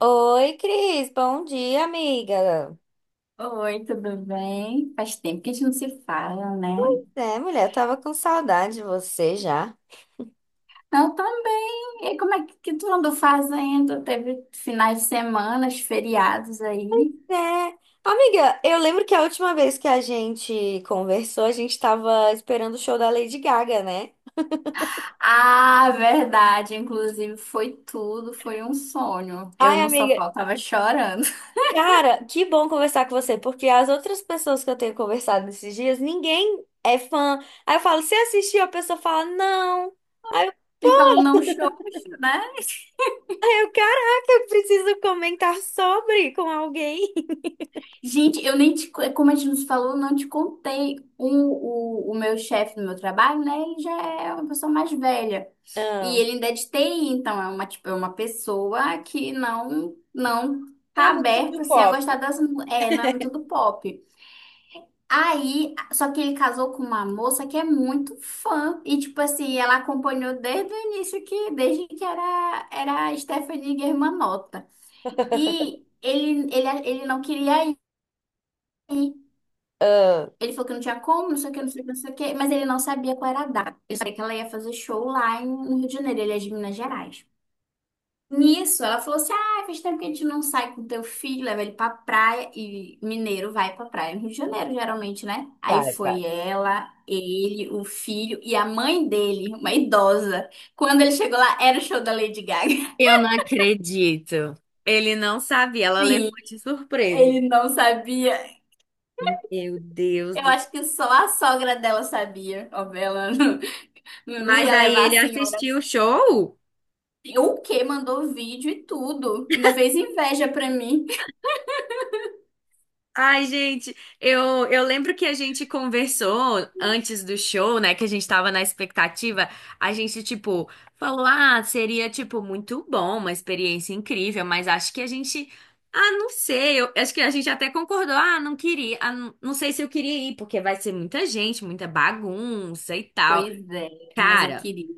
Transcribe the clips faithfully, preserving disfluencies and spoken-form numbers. Oi, Cris, bom dia, amiga. Oi, tudo bem? Faz tempo que a gente não se fala, né? É, mulher, eu tava com saudade de você já. Eu também. E como é que que tu andou fazendo? Teve finais de semana, feriados aí? É, amiga, eu lembro que a última vez que a gente conversou, a gente tava esperando o show da Lady Gaga, né? Ah, verdade. Inclusive, foi tudo. Foi um sonho. Eu Ai, não só amiga, faltava chorando. cara, que bom conversar com você, porque as outras pessoas que eu tenho conversado nesses dias, ninguém é fã. Aí eu falo, você assistiu? A pessoa fala, não. Aí eu, E falou, não choro, né? aí eu, caraca, eu preciso comentar sobre com alguém. Gente, eu nem te, como a gente nos falou, eu não te contei. O, o, o meu chefe do meu trabalho, né? Ele já é uma pessoa mais velha. E Ah, ele ainda é de T I, então é uma, tipo, é uma pessoa que não, não é tá muito do aberta, assim, a gostar pop. das... mu- É, não é muito do pop. Aí, só que ele casou com uma moça que é muito fã. E, tipo assim, ela acompanhou desde o início, que, desde que era, era a Stephanie Germanotta. E ele, ele, ele não queria ir. Ele falou que não tinha como, não sei o que, não sei o que, não sei o que, mas ele não sabia qual era a data. Ele sabia que ela ia fazer show lá em- no Rio de Janeiro, ele é de Minas Gerais. Nisso, ela falou assim: ah, faz tempo que a gente não sai com teu filho, leva ele pra praia. E mineiro vai pra praia no Rio de Janeiro, geralmente, né? Aí Vai, vai. foi ela, ele, o filho e a mãe dele, uma idosa. Quando ele chegou lá, era o show da Lady Gaga. Eu não acredito. Ele não sabia, ela levou Sim, de surpresa. ele não sabia. Meu Deus Eu do céu. acho que só a sogra dela sabia. Ó, ela não, não Mas ia aí levar a ele senhora. assistiu o show? O quê mandou vídeo e tudo. Ainda fez inveja pra mim. Ai, gente, eu, eu lembro que a gente conversou antes do show, né? Que a gente tava na expectativa. A gente, tipo, falou: ah, seria, tipo, muito bom, uma experiência incrível, mas acho que a gente. Ah, não sei. Eu acho que a gente até concordou. Ah, não queria. Ah, não não sei se eu queria ir, porque vai ser muita gente, muita bagunça e tal. Pois é, mas eu Cara. queria.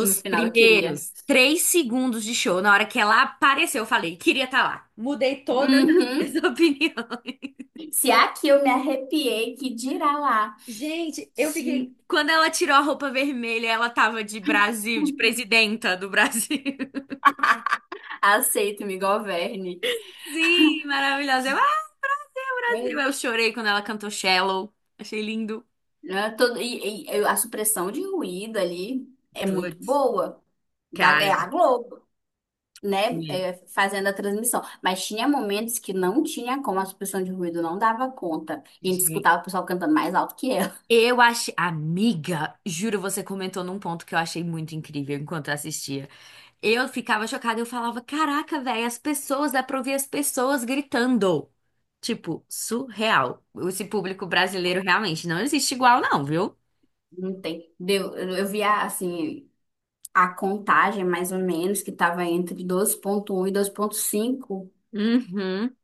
No final eu queria. primeiros três segundos de show, na hora que ela apareceu, eu falei, queria estar lá. Mudei todas as Uhum. minhas opiniões. Se aqui eu me arrepiei, que dirá lá. Gente, eu fiquei. Sim. Quando ela tirou a roupa vermelha, ela tava de Brasil, de presidenta do Brasil. Aceito, me governe. Sim, maravilhosa. Eu, ah, Brasil. Eu É. chorei quando ela cantou Shallow. Achei lindo. Né, todo- e, e- e a supressão de ruído ali é muito Putz, boa. Da, é cara. a Globo, né? É, fazendo a transmissão. Mas tinha momentos que não tinha como, a supressão de ruído não dava conta. E a gente Gente. escutava o pessoal cantando mais alto que ela. Eu achei. Amiga, juro, você comentou num ponto que eu achei muito incrível enquanto eu assistia. Eu ficava chocada, eu falava, caraca, velho, as pessoas, dá pra ouvir as pessoas gritando. Tipo, surreal. Esse público brasileiro realmente não existe igual, não, viu? Não tem. Deu, eu eu vi a, assim, a contagem, mais ou menos, que estava entre doze ponto um e doze ponto cinco. Uhum.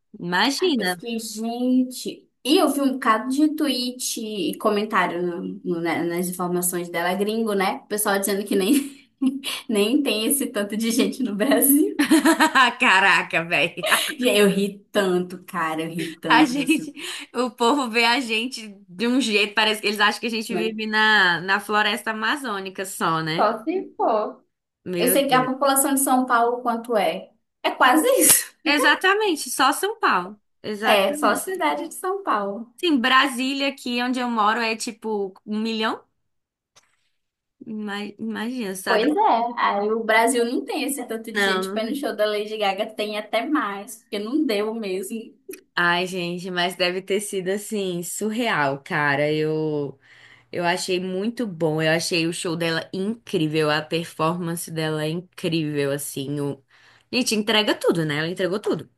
Eu Imagina. fiquei, gente. E eu vi um bocado de tweet e comentário no- no- né, nas informações dela, gringo, né? O pessoal dizendo que nem, nem tem esse tanto de gente no Brasil. Caraca, velho. E aí eu ri tanto, cara, eu ri A tanto, assim, gente, o povo vê a gente de um jeito, parece que eles acham que a gente né? vive na, na floresta amazônica só, né? Só se for. Eu Meu sei que a Deus. população de São Paulo, quanto é? É quase isso. Exatamente, só São Paulo. É, só a Exatamente. cidade de São Paulo. Sim, Brasília, aqui onde eu moro, é tipo um milhão. Ima- Imagina, só da... Pois é, aí o Brasil não tem esse tanto de Não, gente não foi no vi. show da Lady Gaga, tem até mais, porque não deu mesmo, Ai, gente, mas deve ter sido assim, surreal, cara. Eu, eu achei muito bom. Eu achei o show dela incrível, a performance dela é incrível, assim. O... Gente, entrega tudo, né? Ela entregou tudo,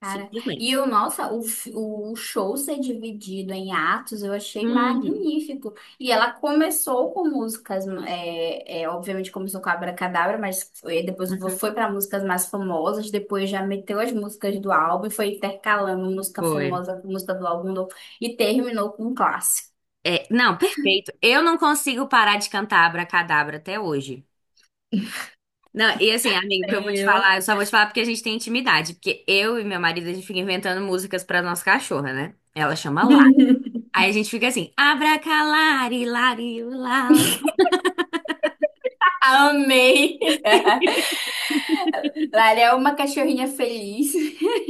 cara. E simplesmente. o nossa, o, f- o show ser dividido em atos, eu achei Hum, magnífico. E ela começou com músicas, é, é, obviamente começou com Abracadabra, mas foi- depois vo- uhum, foi para músicas mais famosas, depois já meteu as músicas do álbum e foi intercalando música foi. famosa com música do álbum novo, e terminou com um clássico. É, não, perfeito. Eu não consigo parar de cantar Abracadabra até hoje. Não, e assim, amigo, o que eu vou te Eu. falar, eu só vou te falar porque a gente tem intimidade. Porque eu e meu marido, a gente fica inventando músicas pra nossa cachorra, né? Ela chama Lara. Aí a gente fica assim, abracalari, lari, lá. Amei! Lara é uma cachorrinha feliz.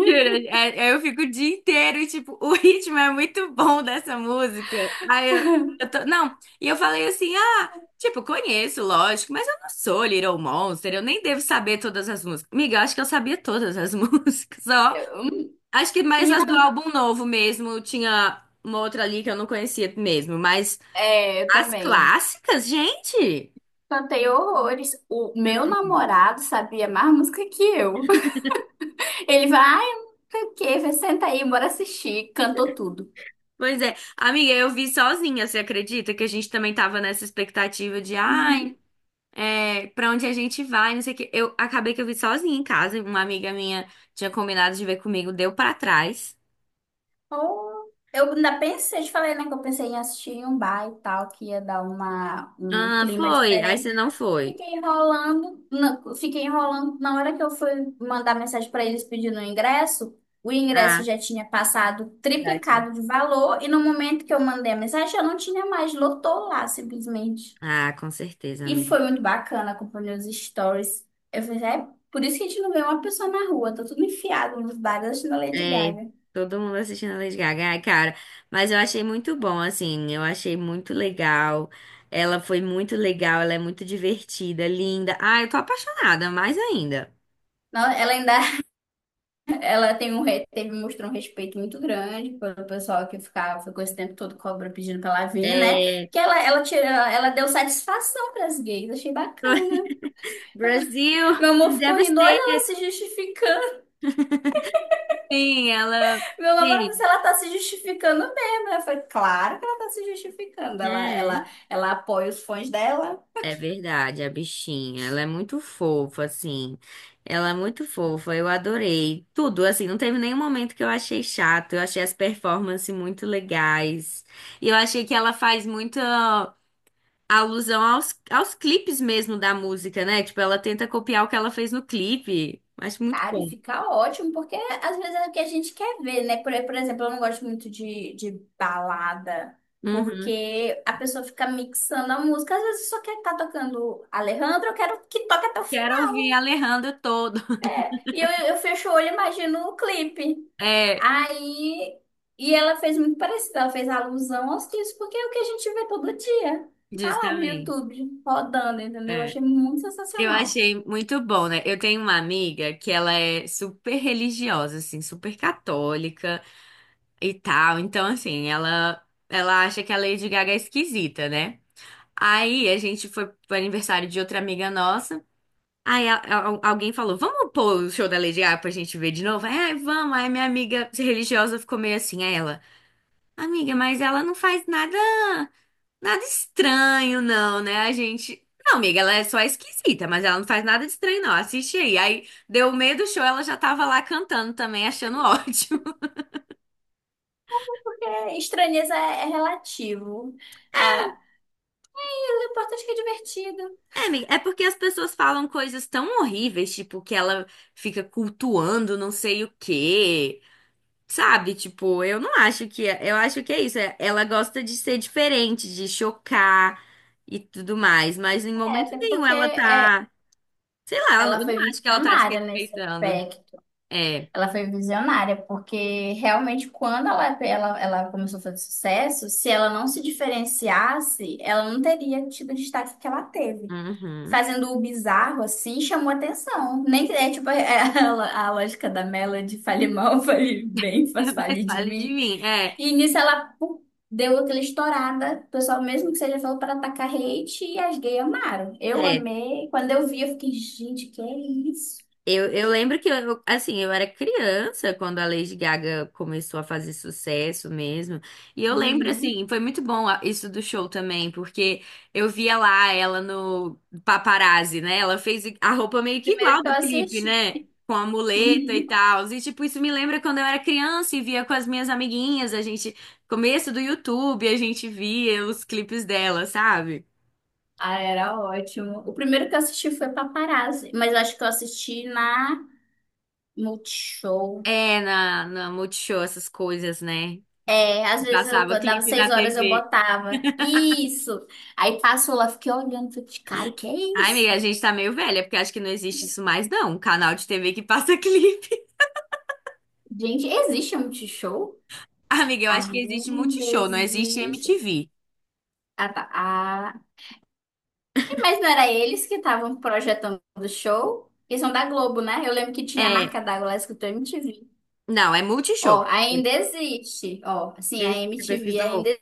Jura? É- é, Eu fico o dia inteiro e, tipo, o ritmo é muito bom dessa música. Aí eu, eu tô. Não, e eu falei assim, ah, tipo, conheço, lógico, mas eu não sou Little Monster, eu nem devo saber todas as músicas. Amiga, eu acho que eu sabia todas as músicas, ó. Hum, Acho que mais as do Menina, álbum novo mesmo. Tinha uma outra ali que eu não conhecia mesmo. Mas é, eu as também. clássicas, gente! Cantei horrores. O meu namorado sabia mais música que eu. Ele vai, ai, não sei o quê, vai, senta aí, bora assistir. Cantou tudo. Pois é. Amiga, eu vi sozinha, você acredita? Que a gente também tava nessa expectativa de, Uhum. ai, é, pra onde a gente vai, não sei o quê. Eu acabei que eu vi sozinha em casa. Uma amiga minha tinha combinado de ver comigo, deu pra trás. Oh, eu ainda pensei, eu te falei, né, que eu pensei em assistir em um bar e tal, que ia dar uma, um Ah, clima foi. Aí você diferente. não foi. Fiquei enrolando, na- fiquei enrolando. Na hora que eu fui mandar mensagem para eles pedindo o ingresso, o ingresso Ah, já tinha passado já tinha. triplicado de valor e no momento que eu mandei a mensagem já não tinha mais, lotou lá simplesmente. Ah, com certeza, E foi amiga. muito bacana acompanhar os stories. Eu falei, é por isso que a gente não vê uma pessoa na rua, tá tudo enfiado nos bares da Lady É, Gaga. todo mundo assistindo a Lady Gaga, ai, cara. Mas eu achei muito bom, assim, eu achei muito legal. Ela foi muito legal, ela é muito divertida, linda. Ah, eu tô apaixonada, mais ainda. Não, ela ainda ela tem um, re- teve, mostrou um respeito muito grande pelo pessoal que ficava, ficou esse tempo todo cobra pedindo pra ela vir, né? É, Porque ela, ela, tirou, ela deu satisfação pras gays, achei tô- bacana. Brasil, Meu amor I'm ficou rindo, olha devastated. ela se justificando. Sim, ela. Meu namorado disse, Sim, ela tá se justificando mesmo. Eu falei, claro que ela tá se justificando. Ela, né? ela, ela apoia os fãs dela. É verdade, a bichinha. Ela é muito fofa, assim. Ela é muito fofa. Eu adorei tudo, assim. Não teve nenhum momento que eu achei chato. Eu achei as performances muito legais. E eu achei que ela faz muita alusão aos, aos clipes mesmo da música, né? Tipo, ela tenta copiar o que ela fez no clipe. Acho muito Cara, e bom. fica ótimo, porque às vezes é o que a gente quer ver, né? Por, por exemplo, eu não gosto muito de, de balada, Uhum. porque a pessoa fica mixando a música. Às vezes só quer estar tocando Alejandro, eu quero que toque até o Quero final. ouvir a Alejandra todo. E eu, eu fecho o olho e imagino o clipe. É, Aí. E ela fez muito parecido, ela fez alusão aos clipes, porque é o que a gente vê todo dia. Tá lá no justamente. YouTube, rodando, entendeu? Eu É. achei muito Eu sensacional. achei muito bom, né? Eu tenho uma amiga que ela é super religiosa, assim, super católica e tal. Então, assim, ela, ela acha que a Lady Gaga é esquisita, né? Aí a gente foi pro aniversário de outra amiga nossa. Aí a- a- alguém falou: Vamos pôr o show da Lady Gaga pra gente ver de novo? Aí, "Ai, vamos." Aí minha amiga religiosa ficou meio assim. Aí ela: Amiga, mas ela não faz nada. Nada estranho, não, né? A gente. Não, amiga, ela é só esquisita, mas ela não faz nada de estranho, não. Assiste aí. Aí deu meio do show, ela já tava lá cantando também, achando ótimo. É, estranheza é é relativo. Ah, mas o importante é que é divertido. É, amiga, é porque as pessoas falam coisas tão horríveis, tipo, que ela fica cultuando não sei o quê. Sabe? Tipo, eu não acho que. é- Eu acho que é isso. é- Ela gosta de ser diferente, de chocar e tudo mais. Mas em É, momento até nenhum porque ela é, tá. Sei lá, eu ela foi não acho que ela tá visionária nesse desrespeitando. aspecto. É. Ela foi visionária porque realmente quando ela, ela, ela começou a fazer sucesso, se ela não se diferenciasse, ela não teria tido o destaque que ela teve. Uhum. Fazendo o bizarro assim, chamou atenção. Nem que- É tipo é, a, a lógica da Melody, fale mal, fale bem, faz fale Mas de fale de mim. mim. É, E nisso ela pum, deu aquela estourada. O pessoal, mesmo que seja falou para atacar hate, e as gays amaram. Eu é. amei. Quando eu vi, eu fiquei, gente, que é isso? Eu, eu lembro que eu, assim, eu era criança quando a Lady Gaga começou a fazer sucesso mesmo. E eu lembro, Uhum. assim, foi muito bom a- isso do show também, porque eu via lá ela no Paparazzi, né? Ela fez a roupa meio que Primeiro igual que eu do clipe, né? assisti. Com a muleta e Uhum. tal. E, tipo, isso me lembra quando eu era criança e via com as minhas amiguinhas, a gente, começo do YouTube, a gente via os clipes dela, sabe? Ah, era ótimo. O primeiro que eu assisti foi Paparazzi, mas eu acho que eu assisti na Multishow. É, na, na Multishow, essas coisas, né? É, às vezes eu Passava quando dava clipe seis na horas, eu T V. botava. Isso! Aí passou lá, fiquei olhando, falei, cara, o que é Ai, amiga, isso? a gente tá meio velha, porque acho que não existe isso mais, não. Um canal de T V que passa clipe. Gente, existe a Multishow? Amiga, eu acho que existe Ainda Multishow, não existe existe. M T V. Ah, tá. Ah. E, mas não era eles que estavam projetando o show? Eles são da Globo, né? Eu lembro que tinha a É, marca d'água lá escrito M T V. não, é Multishow. Ó, ainda existe. Ó, assim, a Esse que você M T V pesquisou? ainda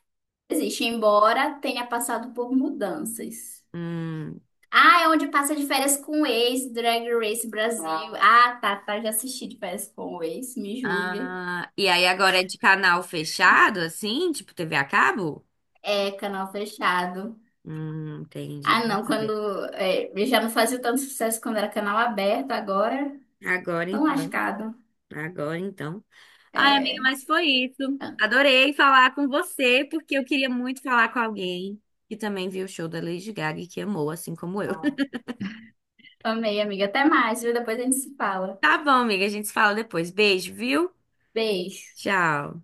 existe, embora tenha passado por mudanças. Hum, Ah, é onde passa de férias com o ex, Drag Race Brasil. Ah, ah, tá, tá. Já assisti de férias com o ex, me julgue. ah, e aí agora é de canal fechado, assim? Tipo T V a cabo? É, canal fechado. Hum, entendi. Ah, não, quando. É, ele já não fazia tanto sucesso quando era canal aberto, agora Agora tão então. lascado. Agora então. Ai, amiga, É, mas foi isso. Adorei falar com você, porque eu queria muito falar com alguém que também viu o show da Lady Gaga e que amou, assim como eu. amei, amiga. Até mais, viu? Depois a gente se fala. Tá bom, amiga, a gente se fala depois. Beijo, viu? Beijo. Tchau.